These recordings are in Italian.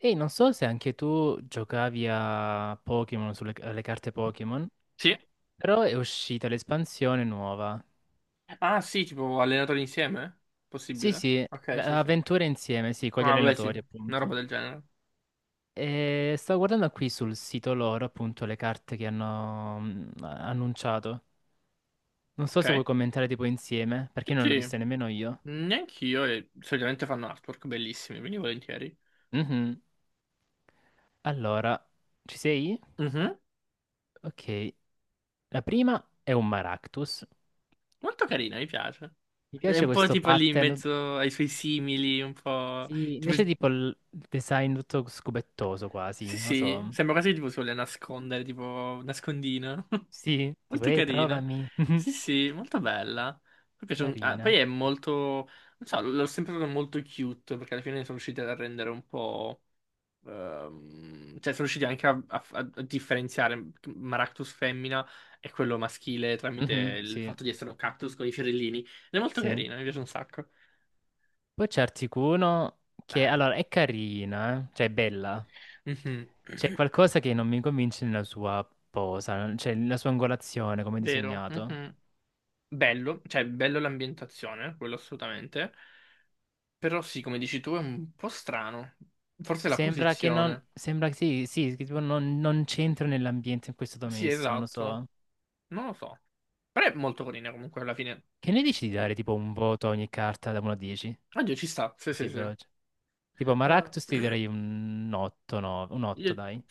Ehi, non so se anche tu giocavi a Pokémon, sulle alle carte Pokémon, Sì? però è uscita l'espansione nuova. Ah, sì, tipo allenatori insieme? Sì, Possibile? sì, Ok, sì, sì. avventure insieme, sì, con gli Ah, vabbè, sì, allenatori, una roba appunto. del genere. E stavo guardando qui sul sito loro, appunto, le carte che hanno annunciato. Non so Ok. se vuoi commentare tipo insieme, perché Sì, non l'ho sì. vista nemmeno io. Neanch'io, e solitamente fanno artwork bellissimi, quindi volentieri. Mhm. Allora, ci sei? Mhm. Ok, la prima è un Maractus. Molto carina, mi piace. Mi È piace un po' questo tipo lì in pattern. mezzo ai suoi simili, un po'... Sì, Tipo... invece tipo il design tutto scubettoso quasi, Sì, non lo sì, so. sembra quasi tipo sulle nascondere, tipo nascondina. Sì, tipo Molto ehi, carina. trovami. Sì, sì, molto bella. Mi piace ah, Carina. poi è molto, non so, l'ho sempre trovato molto cute, perché alla fine sono riusciti a rendere un po'... cioè, sono riusciti anche a differenziare Maractus femmina e quello maschile tramite Mhm, il sì, fatto di essere un cactus con i fiorellini. Ed è molto sì. carina, mi piace un sacco. Poi c'è Articuno che, allora, Bello. è carina, cioè è bella. Mhm. C'è qualcosa che non mi convince nella sua posa, cioè nella sua angolazione, come è Vero. disegnato. Mhm. Bello, cioè bello l'ambientazione, quello assolutamente. Però sì, come dici tu, è un po' strano. Forse la Sembra che non, posizione. sembra che sì, sì, che tipo non c'entra nell'ambiente in cui è stato Sì, messo, non lo esatto. so. Non lo so. Però è molto carina comunque alla fine. Che ne dici di dare Oddio, tipo un voto a ogni carta da 1 a 10? ci sta. Sì, Così sì, sì. Veloce. Tipo Maractus ti direi un 8, no, un 8 Io dai.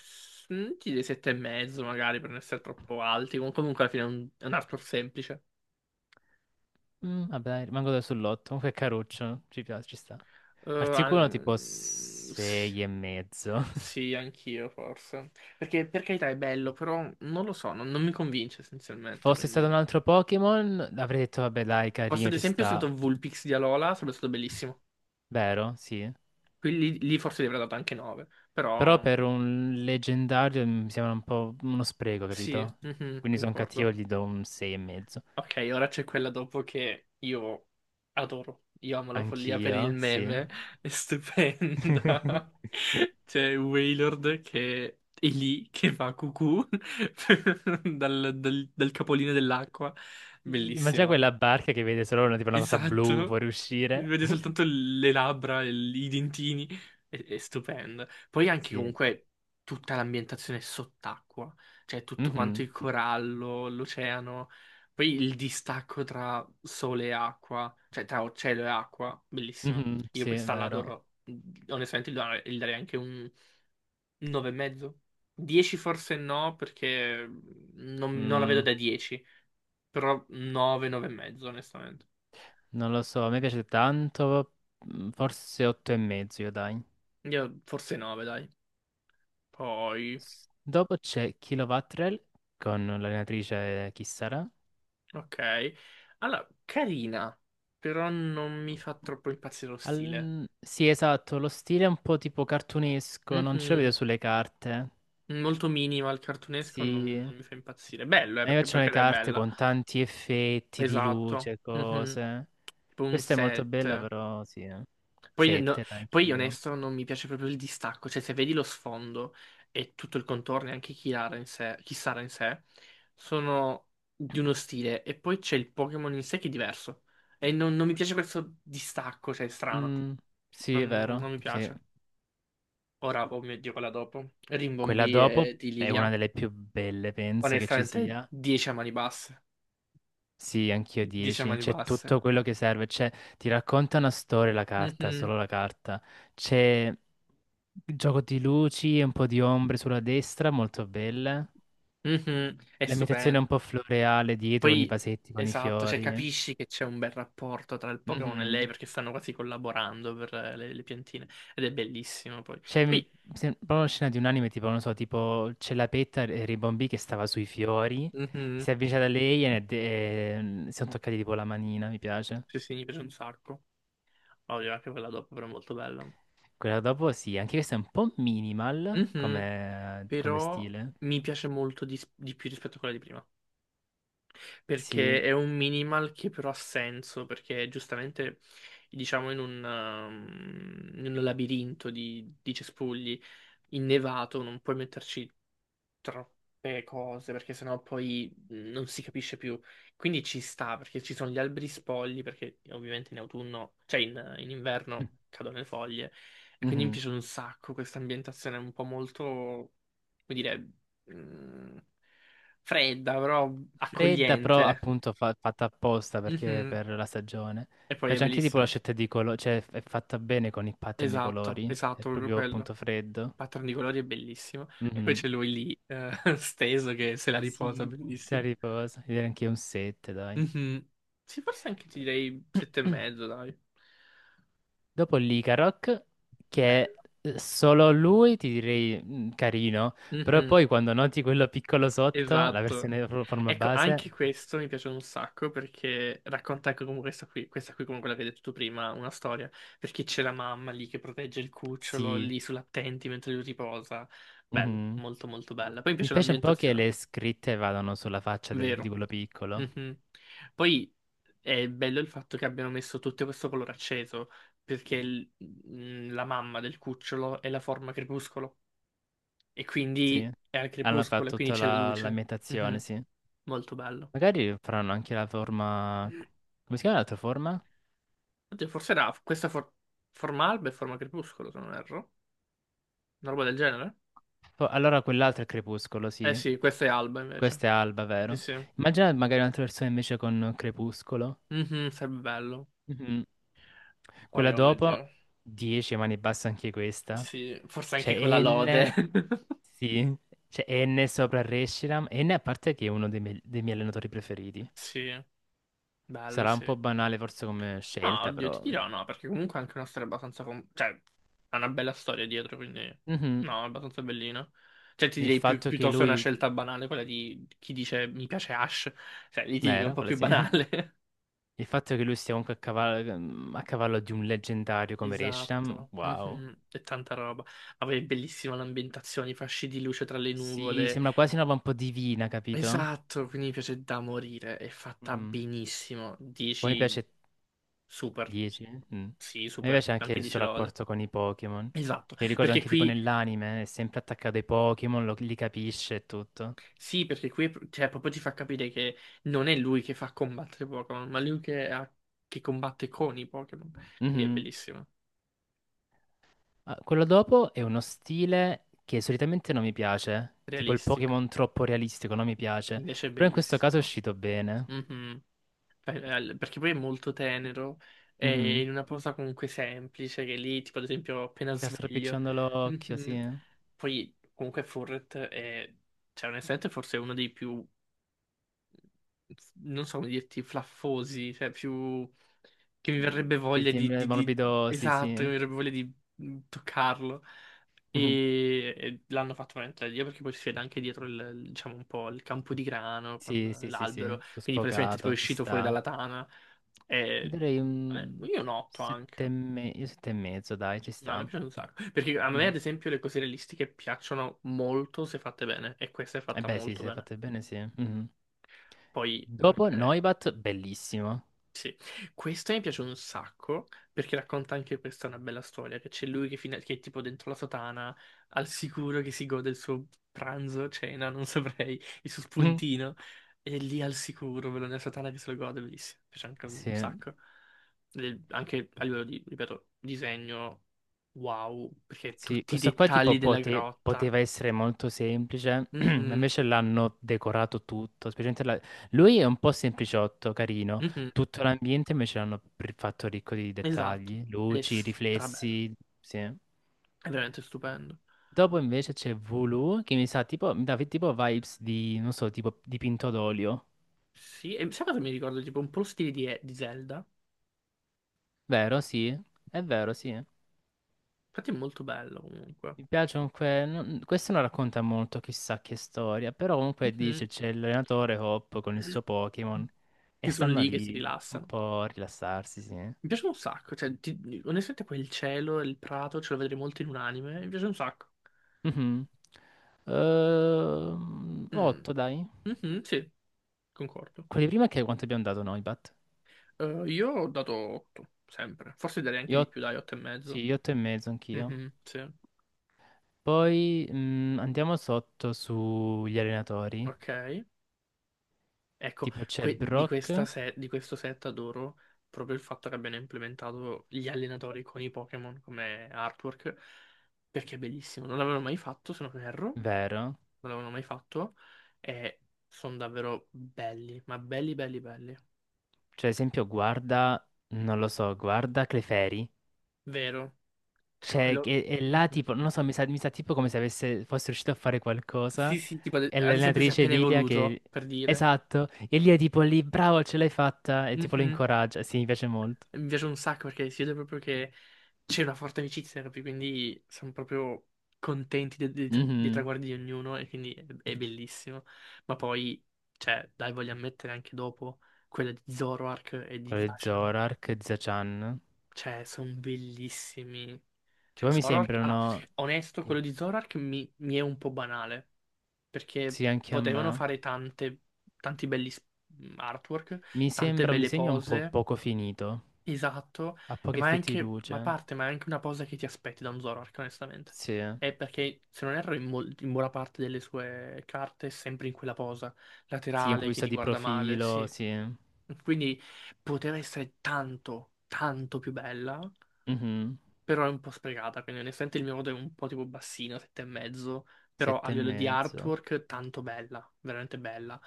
ti dei sette e mezzo magari per non essere troppo alti. Comunque alla fine è un artwork semplice. Vabbè, dai, rimango da sull'8, comunque è caruccio, ci piace, ci sta. Articuno tipo Sì, 6 e mezzo. sì, anch'io forse. Perché per carità è bello, però non lo so, non mi convince essenzialmente, Fosse stato quindi... un altro Pokémon, avrei detto vabbè dai, Posso carino, ad ci esempio è sta. stato Vulpix di Alola, sarebbe stato bellissimo. Vero? Sì. Qui lì forse gli avrei dato anche 9, Però però per un leggendario mi sembra un po' uno spreco, sì, capito? mhm, Quindi sono cattivo, concordo. gli do un 6 e mezzo. Ok, ora c'è quella dopo che io adoro. Io amo la follia per il Anch'io, sì. meme, è stupenda. C'è Wailord che è lì, che fa cucù dal capolinea dell'acqua, Immagina bellissima. quella barca che vede solo una, tipo una cosa blu Esatto, fuoriuscire. vede soltanto le labbra, i dentini, è stupendo. Poi anche Sì. comunque tutta l'ambientazione sott'acqua, cioè tutto quanto Mhm, il corallo, l'oceano, poi il distacco tra sole e acqua, cioè tra cielo e acqua, bellissimo. mhm, Io sì, è questa vero. l'adoro, onestamente gli darei anche un 9 e mezzo. 10 forse no, perché non la vedo Mm, da 10, però 9, 9 e mezzo, onestamente. non lo so, a me piace tanto, forse 8 e mezzo, io dai. Io forse 9, dai. Poi, Dopo c'è Kilowatt-Rel con l'allenatrice chi sarà. ok. Allora, carina, però non mi fa troppo impazzire lo stile. Sì, esatto, lo stile è un po' tipo cartunesco, non ce lo vedo Mhm. sulle carte. Molto minima, il cartunesco Sì, non, a non mi fa impazzire. Bello, me perché, piacciono le perché è carte bella. con tanti effetti di Esatto. luce, Mhm. cose. Tipo un Questa è molto bella, 7. però sì. Eh. Poi, Sette, poi anch'io. onesto non mi piace proprio il distacco, cioè se vedi lo sfondo e tutto il contorno e anche chi Chiara in sé, chi Sara in sé, sono di uno stile e poi c'è il Pokémon in sé che è diverso e non mi piace questo distacco, cioè è strano, Mm, sì, è non vero, mi sì. piace. Ora, oh mio Dio, quella dopo, Quella Rimbombì e dopo di è una Lilia, delle più belle, penso che ci onestamente sia. 10 a mani basse, Sì, anch'io 10 a 10. mani C'è basse. tutto quello che serve. C'è, ti racconta una storia la carta, Mhm. solo la carta. C'è il gioco di luci e un po' di ombre sulla destra, molto belle. Mhm. È L'ambientazione è stupendo. un po' floreale dietro, con i Poi, vasetti, con i esatto, cioè fiori. capisci che c'è un bel rapporto tra il Pokémon e lei Mhm. perché stanno quasi collaborando per le piantine ed è bellissimo poi. C'è mi- Poi, se- Proprio una scena di un anime, tipo, non so, tipo c'è la petta e Ribombì che stava sui fiori. mhm, Si è avvicinata a lei e, si sono toccati tipo la manina, mi piace. sì, sì, mi piace un sacco. Ovvio, anche quella dopo però è molto bella. Quella dopo sì, anche questa è un po' minimal Mhm. come Però stile. mi piace molto di più rispetto a quella di prima. Sì. Perché è un minimal che però ha senso, perché giustamente, diciamo, in un labirinto di cespugli innevato non puoi metterci troppe cose, perché sennò poi non si capisce più. Quindi ci sta, perché ci sono gli alberi spogli, perché ovviamente in autunno, cioè in inverno cadono le foglie, e quindi mi Mhm. piace un sacco questa ambientazione un po' molto, come dire, mh, fredda, però Fredda, però accogliente. appunto fatta apposta perché Mhm. per la stagione. E Mi poi è piace anche tipo la bellissimo. scelta di colori, cioè è fatta bene con il pattern di Esatto, colori. È esatto, proprio proprio quello. Il appunto freddo. pattern di colori è bellissimo. E poi Mhm. c'è lui lì, steso, che se la riposa, Sì. Se bellissimo. riposa, direi anche un 7, dai. Mhm. Sì, forse anche ti direi sette e mezzo, dai. Dopo l'Icaroc, che Bella. Solo lui ti direi carino, però Mhm. poi quando noti quello piccolo sotto, la Esatto. versione forma Ecco, base, anche questo mi piace un sacco perché racconta anche come questa qui come quella che hai detto tu prima, una storia, perché c'è la mamma lì che protegge il cucciolo sì. lì sull'attenti mentre lui riposa. Bella, Mhm. molto molto bella. Poi mi Mi piace spiace un po' che l'ambientazione, le scritte vadano sulla faccia di vero. quello piccolo. Mhm. Poi è bello il fatto che abbiano messo tutto questo colore acceso, perché la mamma del cucciolo è la forma crepuscolo, e Sì. quindi è al Hanno crepuscolo, e fatto quindi tutta c'è la luce. l'ambientazione, Mhm. sì. Molto bello. Magari faranno anche la forma. Come si chiama l'altra forma? Oddio, forse era questa forma alba e forma crepuscolo, se non erro. Una roba del genere? Allora quell'altro è crepuscolo, Eh sì. sì, questa è alba invece. Questa è alba, Sì, vero? sì. Immagina magari un'altra versione invece con crepuscolo. Mhm, sarebbe bello. Mhm. Quella Poi, oh mio dopo, Dio. 10, ma ne basta anche questa. Sì, forse anche con la C'è N, lode. sì, c'è N sopra Reshiram. N a parte che è uno dei miei allenatori preferiti. Sì, bello, Sarà un po' sì. banale forse come No, scelta, oddio, ti però. dirò no, perché comunque è anche una storia abbastanza... cioè, ha una bella storia dietro, quindi... Mhm. No, è abbastanza bellina. Cioè, ti Il direi più, fatto che piuttosto è una lui. scelta banale, quella di chi dice mi piace Ash. Cioè, lì ti dico è un Vero, po' quella più sì. banale. Il fatto che lui sia comunque a cavallo di un leggendario come Reshiram, Esatto. wow. Mhm. E tanta roba. Ma poi è bellissima l'ambientazione, i fasci di luce tra le Sì, nuvole. sembra quasi una roba un po' divina, capito? Esatto, quindi mi piace da morire. È fatta Mhm. benissimo. Poi mi 10 piace super. 10? Mm. Sì, A me super. piace anche Anche il suo 10 lode. rapporto con i Pokémon. Esatto, Mi ricordo perché anche tipo qui. nell'anime, è sempre attaccato ai Pokémon, li capisce e tutto. Sì, perché qui è cioè, proprio ti fa capire che non è lui che fa combattere Pokémon, ma lui che combatte con i Pokémon. Quindi è Mhm. bellissimo, Ah, quello dopo è uno stile che solitamente non mi piace, tipo il realistico. Pokémon troppo realistico, non mi piace, Invece è però in questo caso è bellissimo. uscito bene. Mhm. Perché poi è molto tenero, è Mhm. in una posa comunque semplice, che lì, tipo ad esempio, appena Sta sveglio. stropicciando l'occhio, sì. Mhm. Poi comunque Furret è, cioè onestamente forse è uno dei più non so come dirti, flaffosi, cioè più che mi Mm. verrebbe Che voglia di, sembra di- di- morbido, sì, esatto, che sì. mi verrebbe voglia di toccarlo. Mhm. E l'hanno fatto veramente da Dio perché poi si vede anche dietro diciamo un po' il campo di grano con Sì, sì, sì, sì, l'albero. sto Quindi praticamente tipo sfocato, è ci uscito fuori sta. dalla tana. Gli E, darei un io noto sette e, anche. Io sette e mezzo, dai, ci No, mi sta. piace un sacco. Perché a me, Mhm. ad esempio, le cose realistiche piacciono molto se fatte bene. E questa è Eh fatta beh, sì, molto se bene. fate bene, sì. Mhm. Poi, Dopo ok. Noibat, bellissimo. Sì, questa mi piace un sacco perché racconta anche questa una bella storia, che c'è lui che, che è tipo dentro la sotana, al sicuro che si gode il suo pranzo, cena, non saprei, il suo Mhm. spuntino, e lì al sicuro, quello nella sotana che se lo gode, bellissimo, mi piace anche Sì, un sacco. E anche a livello di, ripeto, disegno, wow, perché sì, tutti i questo qua tipo dettagli della grotta. poteva essere molto semplice, ma Mhm, invece l'hanno decorato tutto, specialmente lui è un po' sempliciotto, carino. mhm, Tutto l'ambiente invece l'hanno fatto ricco di esatto, dettagli, è luci, strabello, riflessi, sì. è veramente stupendo. Dopo invece c'è Vulu che mi sa tipo, mi dà tipo vibes di, non so, tipo dipinto d'olio. Sì, e sai cosa mi ricordo? Tipo un po' lo stile di Zelda. Vero, sì. È vero, sì. Mi Infatti è molto bello comunque. piace comunque, questo non racconta molto chissà che storia, però comunque Mhm. dice c'è l'allenatore Hop con il suo Pokémon e Che sono stanno lì, che si lì un rilassano. po' a rilassarsi, sì. Mi piace un sacco, cioè, onestamente quel cielo e il prato ce lo vedrei molto in un anime, mi piace un sacco. Mhm. Mm. 8 dai. Mhm, sì, concordo. Quelli prima che quanto abbiamo dato noi, Bat? Io ho dato 8, sempre. Forse darei anche di Io, più, dai, 8 e mezzo. sì, 8 e mezzo anch'io. Mhm, sì. Poi andiamo sotto sugli allenatori. Ok. Ecco, Tipo c'è di, Brock, questa di questo set adoro proprio il fatto che abbiano implementato gli allenatori con i Pokémon come artwork, perché è bellissimo. Non l'avevano mai fatto, se non erro, vero? non l'avevano mai fatto, e sono davvero belli, ma belli, belli, belli. Cioè, ad esempio, guarda, non lo so, guarda Clefairy. Vero? Cioè, Cioè, quello... là Mhm. tipo, non lo so, mi sa tipo come se avesse, fosse riuscito a fare qualcosa. Sì, sì, tipo ad E ad esempio si è l'allenatrice appena Lilia che. evoluto, per dire. Esatto, e lì è tipo lì, bravo, ce l'hai fatta, e tipo lo Mhm. incoraggia. Sì, mi piace molto. Mi piace un sacco perché si vede proprio che c'è una forte amicizia, capi? Quindi siamo proprio contenti dei Mhm. traguardi di ognuno e quindi è bellissimo. Ma poi, cioè, dai, voglio ammettere anche dopo quella di Zoroark e di Quello di Zashan. Zorark, Zachan, Cioè, sono bellissimi. che Cioè, poi mi Zoroark... Allora, sembrano. onesto, quello di Zoroark mi è un po' banale, perché Sì, anche a potevano me. fare tanti belli artwork, Mi tante sembra un belle disegno un po' pose. poco finito, Esatto, ha e pochi ma è effetti di anche, ma a luce. parte, ma è anche una cosa che ti aspetti da un Zoroark, onestamente. Sì, È perché, se non erro, in buona parte delle sue carte è sempre in quella posa, sì, un po' laterale, che visto ti di guarda male, profilo, sì. sì. Quindi poteva essere tanto, tanto più bella, Mhm. però è un po' sprecata, quindi onestamente il mio voto è un po' tipo bassino, sette e mezzo, però a Sette e livello di mezzo. artwork tanto bella, veramente bella,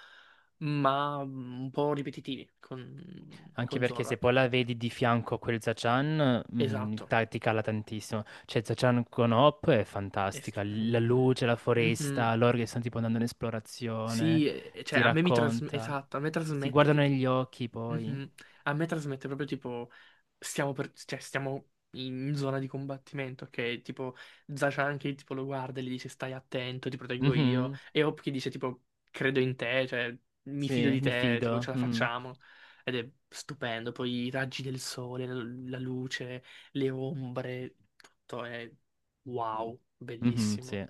ma un po' ripetitivi Anche con perché se poi Zoroark. la vedi di fianco a quel Zachan, Esatto. Ti cala tantissimo. Cioè, Zachan con Hop è È fantastica. La stupendo. luce, la Mhm. foresta, loro che stanno tipo andando in esplorazione, Sì, ti cioè a me mi trasmette, racconta. esatto, a me Si trasmette guardano che... negli occhi poi. Mhm. A me trasmette proprio tipo, stiamo, cioè, stiamo in zona di combattimento, ok? Tipo, Zachan che tipo lo guarda e gli dice stai attento, ti proteggo io. Mhm. E Hop che dice tipo, credo in te, cioè, mi fido Sì, di mi te, tipo, fido. ce la Mhm. facciamo. Ed è stupendo, poi i raggi del sole, la luce, le ombre, tutto è wow, Mhm, bellissimo sì.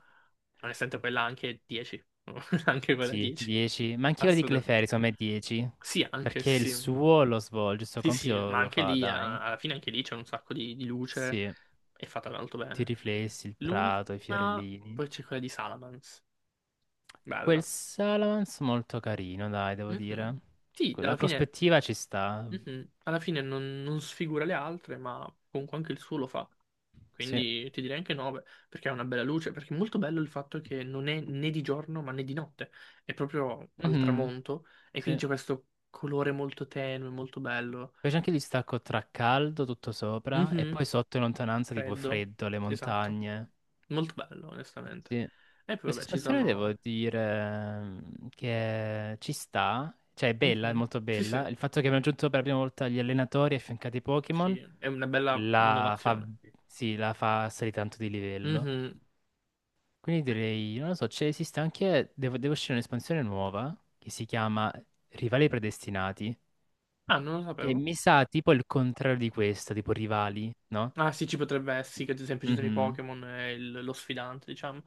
onestamente quella anche 10, anche quella Sì, 10, 10, ma anche quello di assolutamente. Clefairy, secondo me 10, Sì, anche perché il sì, sì, suo lo svolge, il suo sì, compito sì, lo, ma lo anche fa, lì, dai. alla fine anche lì c'è un sacco di luce, Sì, è fatta molto i bene. riflessi, il prato, i L'ultima, fiorellini. poi c'è quella di Salamence, Quel bella. Salamence molto carino, dai, devo Mhm. dire. Sì, La alla fine. prospettiva ci sta, Mhm. Alla fine non sfigura le altre, ma comunque anche il suo lo fa. sì. Quindi ti direi anche 9, perché ha una bella luce, perché è molto bello il fatto che non è né di giorno ma né di notte, è proprio al Mhm, tramonto e sì. quindi c'è questo colore molto tenue, molto bello. Poi c'è anche il distacco tra caldo tutto sopra e poi Mhm. sotto in lontananza tipo Freddo, freddo, le esatto, montagne. molto bello onestamente. Sì. E poi Questa vabbè ci espansione devo sono... dire che ci sta, cioè è bella, è Mhm. molto Sì, sì, bella. Il fatto che abbiamo aggiunto per la prima volta gli allenatori affiancati ai Pokémon sì, è una bella la fa, innovazione. sì, la fa salire tanto di livello. Mhm. Quindi direi, non lo so, c'è esiste anche, deve uscire un'espansione nuova che si chiama Rivali Predestinati, Ah, non lo che sapevo. mi sa tipo il contrario di questa, tipo Rivali, no? Ah sì, ci potrebbe essere, sì, che ad esempio ci sono i Mhm. Pokémon e lo sfidante, diciamo.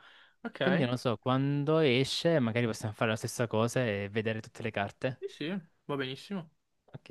Quindi Ok, non lo so, quando esce magari possiamo fare la stessa cosa e vedere tutte le carte. sì sì, va benissimo. Ok.